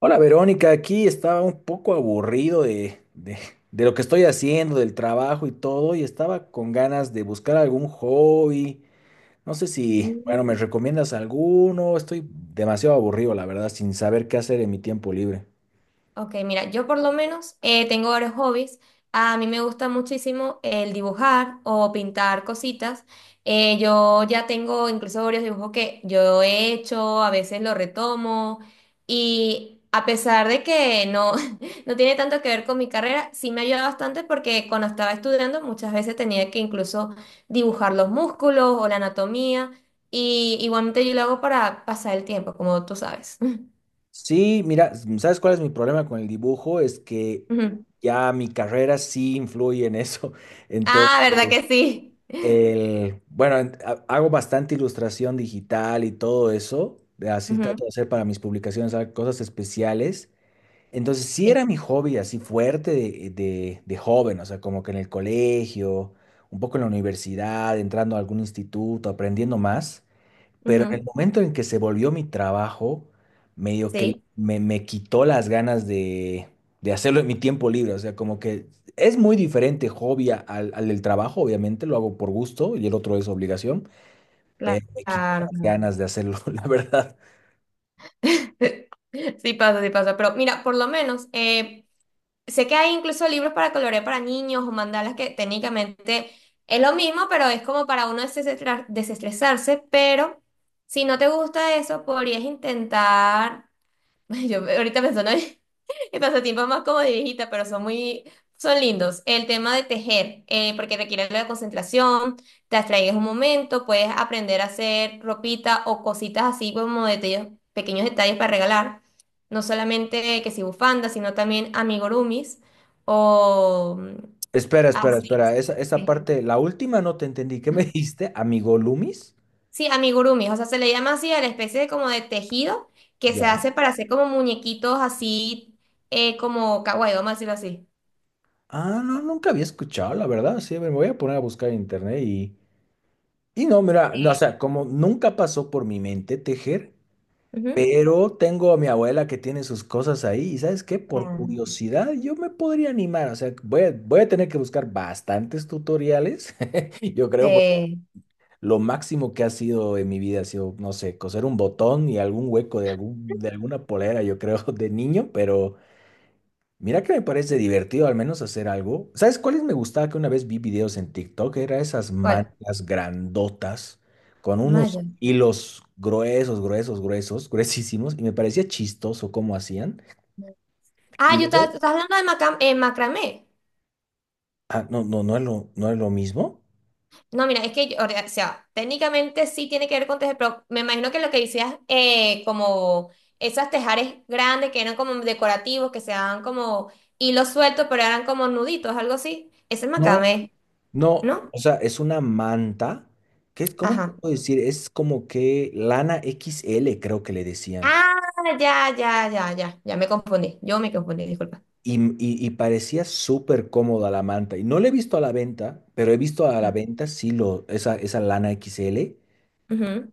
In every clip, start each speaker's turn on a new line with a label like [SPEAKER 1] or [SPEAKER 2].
[SPEAKER 1] Hola Verónica, aquí estaba un poco aburrido de lo que estoy haciendo, del trabajo y todo, y estaba con ganas de buscar algún hobby. No sé si, bueno,
[SPEAKER 2] Mm,
[SPEAKER 1] me recomiendas alguno. Estoy demasiado aburrido, la verdad, sin saber qué hacer en mi tiempo libre.
[SPEAKER 2] ok, mira, yo por lo menos tengo varios hobbies. A mí me gusta muchísimo el dibujar o pintar cositas. Yo ya tengo incluso varios dibujos que yo he hecho, a veces los retomo y a pesar de que no, no tiene tanto que ver con mi carrera, sí me ayuda bastante porque cuando estaba estudiando muchas veces tenía que incluso dibujar los músculos o la anatomía y igualmente yo lo hago para pasar el tiempo, como tú sabes.
[SPEAKER 1] Sí, mira, ¿sabes cuál es mi problema con el dibujo? Es que
[SPEAKER 2] Ujú.
[SPEAKER 1] ya mi carrera sí influye en eso.
[SPEAKER 2] Ah, ¿verdad
[SPEAKER 1] Entonces,
[SPEAKER 2] que sí?
[SPEAKER 1] El, bueno, en- ha- hago bastante ilustración digital y todo eso. Así
[SPEAKER 2] Ujú.
[SPEAKER 1] trato de hacer para mis publicaciones cosas especiales. Entonces, sí
[SPEAKER 2] Sí.
[SPEAKER 1] era mi hobby así fuerte de joven, o sea, como que en el colegio, un poco en la universidad, entrando a algún instituto, aprendiendo más. Pero en el
[SPEAKER 2] Ujú.
[SPEAKER 1] momento en que se volvió mi trabajo, medio que
[SPEAKER 2] Sí,
[SPEAKER 1] me quitó las ganas de hacerlo en mi tiempo libre. O sea, como que es muy diferente hobby al del trabajo, obviamente, lo hago por gusto y el otro es obligación, pero me quitó
[SPEAKER 2] claro.
[SPEAKER 1] las ganas de hacerlo, la verdad.
[SPEAKER 2] Sí pasa, sí pasa. Pero mira, por lo menos, sé que hay incluso libros para colorear para niños o mandalas que técnicamente es lo mismo, pero es como para uno desestresarse. Pero si no te gusta eso, podrías intentar. Yo ahorita pensando en en pasatiempos más como de viejita, pero son muy, son lindos. El tema de tejer, porque requiere algo de concentración, te abstraes un momento, puedes aprender a hacer ropita o cositas así como detalles, pequeños detalles para regalar. No solamente que si bufandas, sino también amigurumis o
[SPEAKER 1] Espera, espera,
[SPEAKER 2] así.
[SPEAKER 1] espera. Esa
[SPEAKER 2] Sí.
[SPEAKER 1] parte, la última no te entendí. ¿Qué me
[SPEAKER 2] Ajá.
[SPEAKER 1] dijiste, amigo Loomis?
[SPEAKER 2] Sí, amigurumi, o sea, se le llama así a la especie de como de tejido que se
[SPEAKER 1] Ya.
[SPEAKER 2] hace para hacer como muñequitos así, como kawaii, vamos a decirlo así.
[SPEAKER 1] Ah, no, nunca había escuchado, la verdad. Sí, me voy a poner a buscar en internet y... Y no, mira, no, o
[SPEAKER 2] Eh,
[SPEAKER 1] sea, como nunca pasó por mi mente tejer.
[SPEAKER 2] ujú.
[SPEAKER 1] Pero tengo a mi abuela que tiene sus cosas ahí y ¿sabes qué? Por
[SPEAKER 2] Ah,
[SPEAKER 1] curiosidad yo me podría animar, o sea, voy a tener que buscar bastantes tutoriales, yo creo, porque
[SPEAKER 2] eh,
[SPEAKER 1] lo máximo que ha sido en mi vida ha sido, no sé, coser un botón y algún hueco de alguna polera, yo creo, de niño, pero mira que me parece divertido al menos hacer algo. ¿Sabes cuáles me gustaba que una vez vi videos en TikTok? Era esas
[SPEAKER 2] ¿cuál?
[SPEAKER 1] mantas grandotas con unos
[SPEAKER 2] Maya.
[SPEAKER 1] hilos gruesos, gruesos, gruesos, gruesísimos y me parecía chistoso cómo hacían. Y
[SPEAKER 2] Ah, yo estaba,
[SPEAKER 1] luego,
[SPEAKER 2] estás hablando de macramé.
[SPEAKER 1] ah, no, no, no es lo mismo.
[SPEAKER 2] No, mira, es que, o sea, técnicamente sí tiene que ver con tejer, pero me imagino que lo que decías, como esas tejares grandes que eran como decorativos, que se daban como hilos sueltos, pero eran como nuditos, algo así. Ese es
[SPEAKER 1] No,
[SPEAKER 2] macramé,
[SPEAKER 1] no,
[SPEAKER 2] ¿no?
[SPEAKER 1] o sea, es una manta que es, ¿cómo te
[SPEAKER 2] Ajá.
[SPEAKER 1] puedo decir? Es como que lana XL creo que le decían.
[SPEAKER 2] Ah, ya, ya, ya, ya, ya me confundí, yo me confundí, disculpa.
[SPEAKER 1] Y parecía súper cómoda la manta. Y no la he visto a la venta, pero he visto a la
[SPEAKER 2] Mm.
[SPEAKER 1] venta esa lana XL.
[SPEAKER 2] Ujú.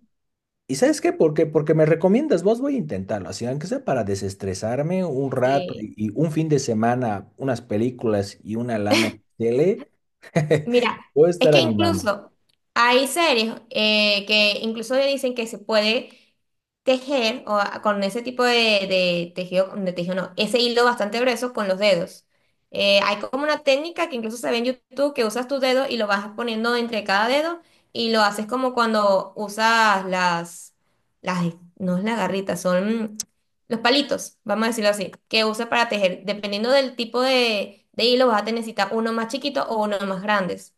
[SPEAKER 1] ¿Y sabes qué? Porque me recomiendas, vos voy a intentarlo, así aunque sea para desestresarme un rato
[SPEAKER 2] Sí,
[SPEAKER 1] y un fin de semana, unas películas y una lana XL,
[SPEAKER 2] mira,
[SPEAKER 1] voy a
[SPEAKER 2] es
[SPEAKER 1] estar
[SPEAKER 2] que
[SPEAKER 1] animando.
[SPEAKER 2] incluso hay series que incluso dicen que se puede tejer o con ese tipo de tejido no, ese hilo bastante grueso con los dedos. Hay como una técnica que incluso se ve en YouTube que usas tus dedos y lo vas poniendo entre cada dedo y lo haces como cuando usas las, no es la garrita, son... los palitos, vamos a decirlo así, que usa para tejer. Dependiendo del tipo de hilo, vas a necesitar uno más chiquito o uno más grandes.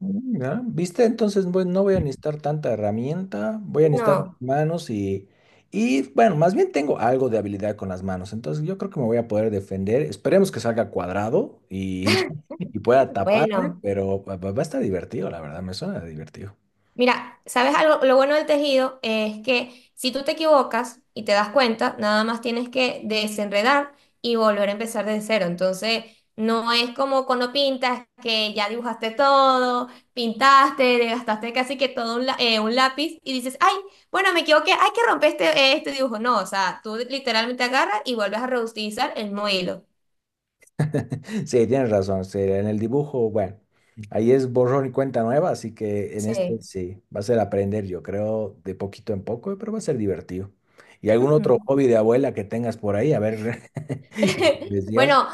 [SPEAKER 1] Mm, ya. ¿Viste? Entonces, bueno, no voy a necesitar tanta herramienta, voy a necesitar mis
[SPEAKER 2] No,
[SPEAKER 1] manos bueno, más bien tengo algo de habilidad con las manos, entonces yo creo que me voy a poder defender. Esperemos que salga cuadrado y, y pueda taparme,
[SPEAKER 2] bueno.
[SPEAKER 1] pero va a estar divertido, la verdad, me suena divertido.
[SPEAKER 2] Mira, ¿sabes algo? Lo bueno del tejido es que si tú te equivocas y te das cuenta, nada más tienes que desenredar y volver a empezar desde cero. Entonces, no es como cuando pintas que ya dibujaste todo, pintaste, gastaste casi que todo un, un lápiz y dices, ay, bueno, me equivoqué, hay que romper este, este dibujo. No, o sea, tú literalmente agarras y vuelves a reutilizar el mismo hilo.
[SPEAKER 1] Sí, tienes razón. Sí, en el dibujo, bueno, ahí es borrón y cuenta nueva, así que en este
[SPEAKER 2] Sí.
[SPEAKER 1] sí, va a ser aprender, yo creo, de poquito en poco, pero va a ser divertido. ¿Y algún
[SPEAKER 2] Ujú.
[SPEAKER 1] otro hobby de abuela que tengas por ahí? A ver, decías.
[SPEAKER 2] Bueno,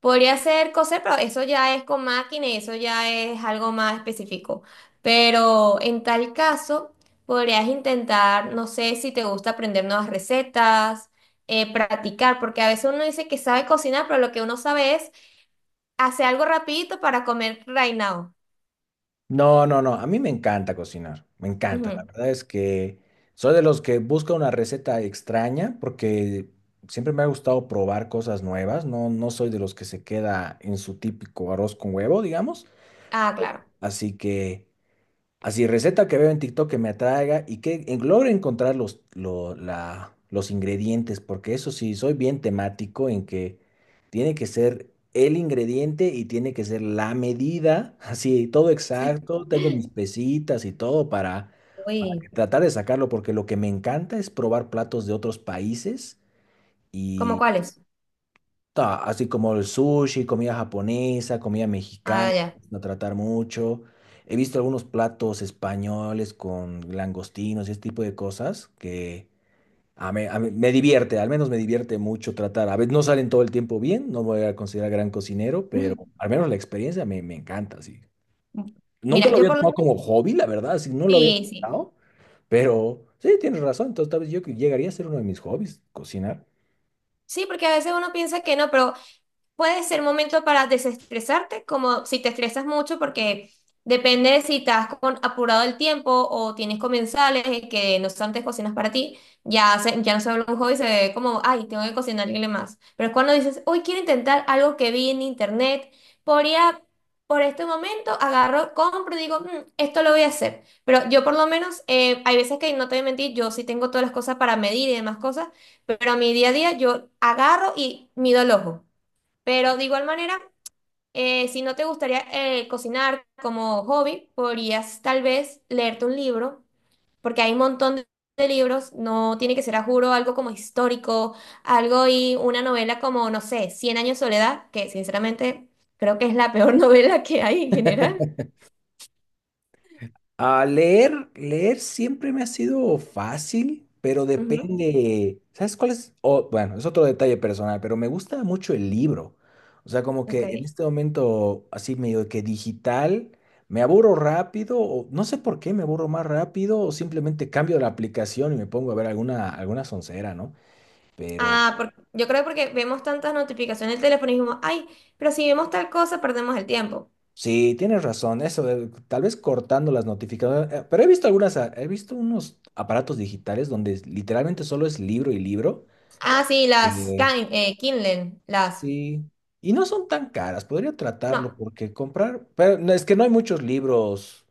[SPEAKER 2] podría ser coser, pero eso ya es con máquina y eso ya es algo más específico. Pero en tal caso, podrías intentar, no sé si te gusta aprender nuevas recetas, practicar, porque a veces uno dice que sabe cocinar, pero lo que uno sabe es hacer algo rapidito para comer right now.
[SPEAKER 1] No, no, no, a mí me encanta cocinar, me encanta. La
[SPEAKER 2] Ujú.
[SPEAKER 1] verdad es que soy de los que busca una receta extraña porque siempre me ha gustado probar cosas nuevas, no, no soy de los que se queda en su típico arroz con huevo, digamos.
[SPEAKER 2] Ah, claro.
[SPEAKER 1] Así que... Así, receta que veo en TikTok que me atraiga y que logre encontrar los ingredientes, porque eso sí, soy bien temático en que tiene que ser el ingrediente y tiene que ser la medida, así, todo exacto, tengo mis pesitas y todo para que
[SPEAKER 2] Uy,
[SPEAKER 1] tratar de sacarlo, porque lo que me encanta es probar platos de otros países
[SPEAKER 2] ¿cómo
[SPEAKER 1] y
[SPEAKER 2] cuáles?
[SPEAKER 1] ta, así como el sushi, comida japonesa, comida mexicana,
[SPEAKER 2] Ah, ya.
[SPEAKER 1] no tratar mucho. He visto algunos platos españoles con langostinos y ese tipo de cosas que a mí me divierte, al menos me divierte mucho tratar. A veces no salen todo el tiempo bien, no voy a considerar gran cocinero, pero al menos la experiencia me encanta, sí. Nunca
[SPEAKER 2] Mira,
[SPEAKER 1] lo
[SPEAKER 2] yo
[SPEAKER 1] había
[SPEAKER 2] por lo
[SPEAKER 1] tomado
[SPEAKER 2] menos
[SPEAKER 1] como hobby, la verdad, así no lo había
[SPEAKER 2] sí, sí.
[SPEAKER 1] pensado, pero sí, tienes razón. Entonces, tal vez yo que llegaría a ser uno de mis hobbies, cocinar.
[SPEAKER 2] Sí, porque a veces uno piensa que no, pero puede ser momento para desestresarte, como si te estresas mucho, porque depende de si estás con apurado el tiempo o tienes comensales que no son antes cocinas para ti, ya, ya no se vuelve un hobby, se ve como, ay, tengo que cocinarle más. Pero es cuando dices, hoy quiero intentar algo que vi en internet, podría, por este momento, agarro, compro y digo, "Mm, esto lo voy a hacer. Pero yo por lo menos, hay veces que no te voy a mentir, yo sí tengo todas las cosas para medir y demás cosas, pero a mi día a día yo agarro y mido el ojo. Pero de igual manera, si no te gustaría cocinar como hobby, podrías tal vez leerte un libro, porque hay un montón de libros, no tiene que ser a juro algo como histórico, algo y una novela como, no sé, Cien años de soledad, que sinceramente creo que es la peor novela que hay en general.
[SPEAKER 1] A leer, leer siempre me ha sido fácil, pero
[SPEAKER 2] Ujú.
[SPEAKER 1] depende. ¿Sabes cuál es? Oh, bueno, es otro detalle personal, pero me gusta mucho el libro. O sea, como que en
[SPEAKER 2] Ok.
[SPEAKER 1] este momento, así medio que digital, me aburro rápido, o no sé por qué me aburro más rápido, o simplemente cambio la aplicación y me pongo a ver alguna soncera, ¿no? Pero
[SPEAKER 2] Ah, yo creo porque vemos tantas notificaciones del teléfono y dijimos, ay, pero si vemos tal cosa, perdemos el tiempo.
[SPEAKER 1] sí, tienes razón, eso, tal vez cortando las notificaciones. Pero he visto algunas, ah, he visto unos aparatos digitales donde literalmente solo es libro y libro.
[SPEAKER 2] Ah, sí, las
[SPEAKER 1] Eh,
[SPEAKER 2] Kindle, las...
[SPEAKER 1] sí. Y no son tan caras, podría tratarlo
[SPEAKER 2] No.
[SPEAKER 1] porque comprar, pero no, es que no hay muchos libros,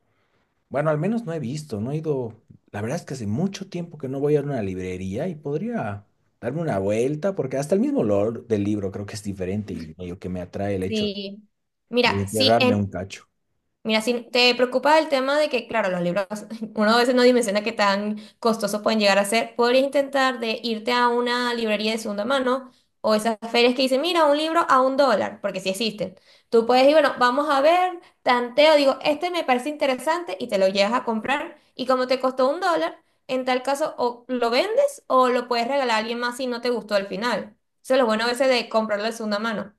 [SPEAKER 1] bueno, al menos no he visto, no he ido, la verdad es que hace mucho tiempo que no voy a una librería y podría darme una vuelta porque hasta el mismo olor del libro creo que es diferente y medio que me atrae el hecho
[SPEAKER 2] Sí,
[SPEAKER 1] de
[SPEAKER 2] mira, sí,
[SPEAKER 1] encerrarme un
[SPEAKER 2] en,
[SPEAKER 1] cacho.
[SPEAKER 2] mira, si te preocupa el tema de que, claro, los libros, uno a veces no dimensiona qué tan costosos pueden llegar a ser, podrías intentar de irte a una librería de segunda mano o esas ferias que dicen, mira, un libro a un dólar, porque sí existen. Tú puedes ir, bueno, vamos a ver, tanteo, digo, este me parece interesante y te lo llevas a comprar y como te costó un dólar, en tal caso o lo vendes o lo puedes regalar a alguien más si no te gustó al final. Eso es lo bueno a veces de comprarlo de segunda mano.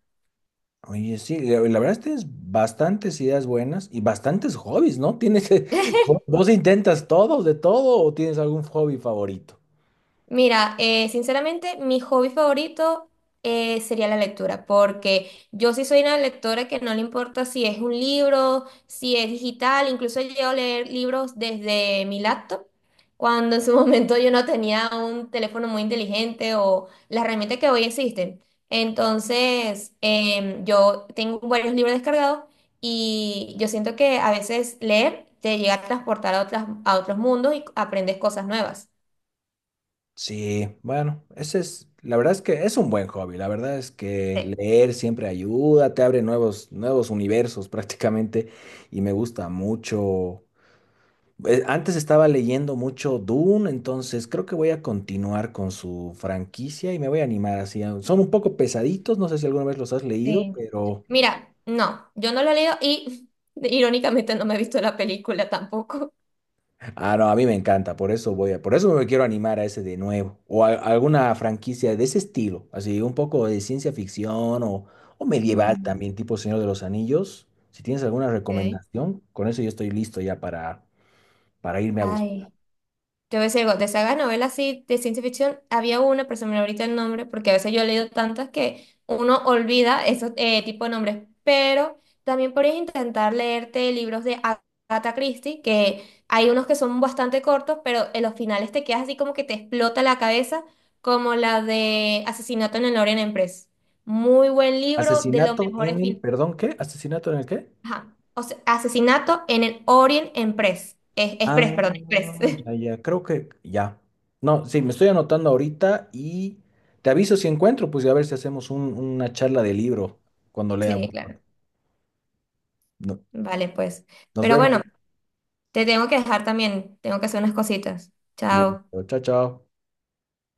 [SPEAKER 1] Oye, sí, la verdad es que tienes bastantes ideas buenas y bastantes hobbies, ¿no? Tienes, ¿vos intentas todo, de todo o tienes algún hobby favorito?
[SPEAKER 2] Mira, sinceramente, mi hobby favorito sería la lectura, porque yo sí soy una lectora que no le importa si es un libro, si es digital, incluso yo llego a leer libros desde mi laptop, cuando en su momento yo no tenía un teléfono muy inteligente o las herramientas que hoy existen. Entonces, yo tengo varios libros descargados y yo siento que a veces leer te llega a transportar a otras, a otros mundos y aprendes cosas nuevas.
[SPEAKER 1] Sí, bueno, ese es, la verdad es que es un buen hobby, la verdad es que
[SPEAKER 2] Sí.
[SPEAKER 1] leer siempre ayuda, te abre nuevos universos prácticamente y me gusta mucho. Antes estaba leyendo mucho Dune, entonces creo que voy a continuar con su franquicia y me voy a animar así. Son un poco pesaditos, no sé si alguna vez los has leído,
[SPEAKER 2] Sí.
[SPEAKER 1] pero
[SPEAKER 2] Mira, no, yo no lo he leído y irónicamente no me he visto la película tampoco.
[SPEAKER 1] ah, no, a mí me encanta, por eso por eso me quiero animar a ese de nuevo, o alguna franquicia de ese estilo, así un poco de ciencia ficción o medieval
[SPEAKER 2] Mm.
[SPEAKER 1] también, tipo Señor de los Anillos. Si tienes alguna
[SPEAKER 2] Okay.
[SPEAKER 1] recomendación, con eso yo estoy listo ya para irme a buscar.
[SPEAKER 2] Ay, te voy a algo, de esas novelas así de ciencia ficción, había una, pero se me olvidó ahorita el nombre, porque a veces yo he leído tantas que uno olvida esos tipos de nombres, pero también podrías intentar leerte libros de Agatha Christie, que hay unos que son bastante cortos, pero en los finales te quedas así como que te explota la cabeza, como la de Asesinato en el Orient Express. Muy buen libro, de los
[SPEAKER 1] Asesinato en
[SPEAKER 2] mejores
[SPEAKER 1] el, perdón, ¿qué? ¿Asesinato en el qué?
[SPEAKER 2] Ajá. O sea, Asesinato en el Orient Express. Express, perdón,
[SPEAKER 1] Ah,
[SPEAKER 2] Express.
[SPEAKER 1] ya, ya, creo que ya. No, sí, me estoy anotando ahorita y te aviso si encuentro, pues y a ver si hacemos una charla de libro cuando lea.
[SPEAKER 2] Sí,
[SPEAKER 1] Uno.
[SPEAKER 2] claro.
[SPEAKER 1] No-
[SPEAKER 2] Vale, pues.
[SPEAKER 1] nos
[SPEAKER 2] Pero bueno,
[SPEAKER 1] vemos.
[SPEAKER 2] te tengo que dejar también. Tengo que hacer unas cositas. Chao.
[SPEAKER 1] Listo. Chao, chao.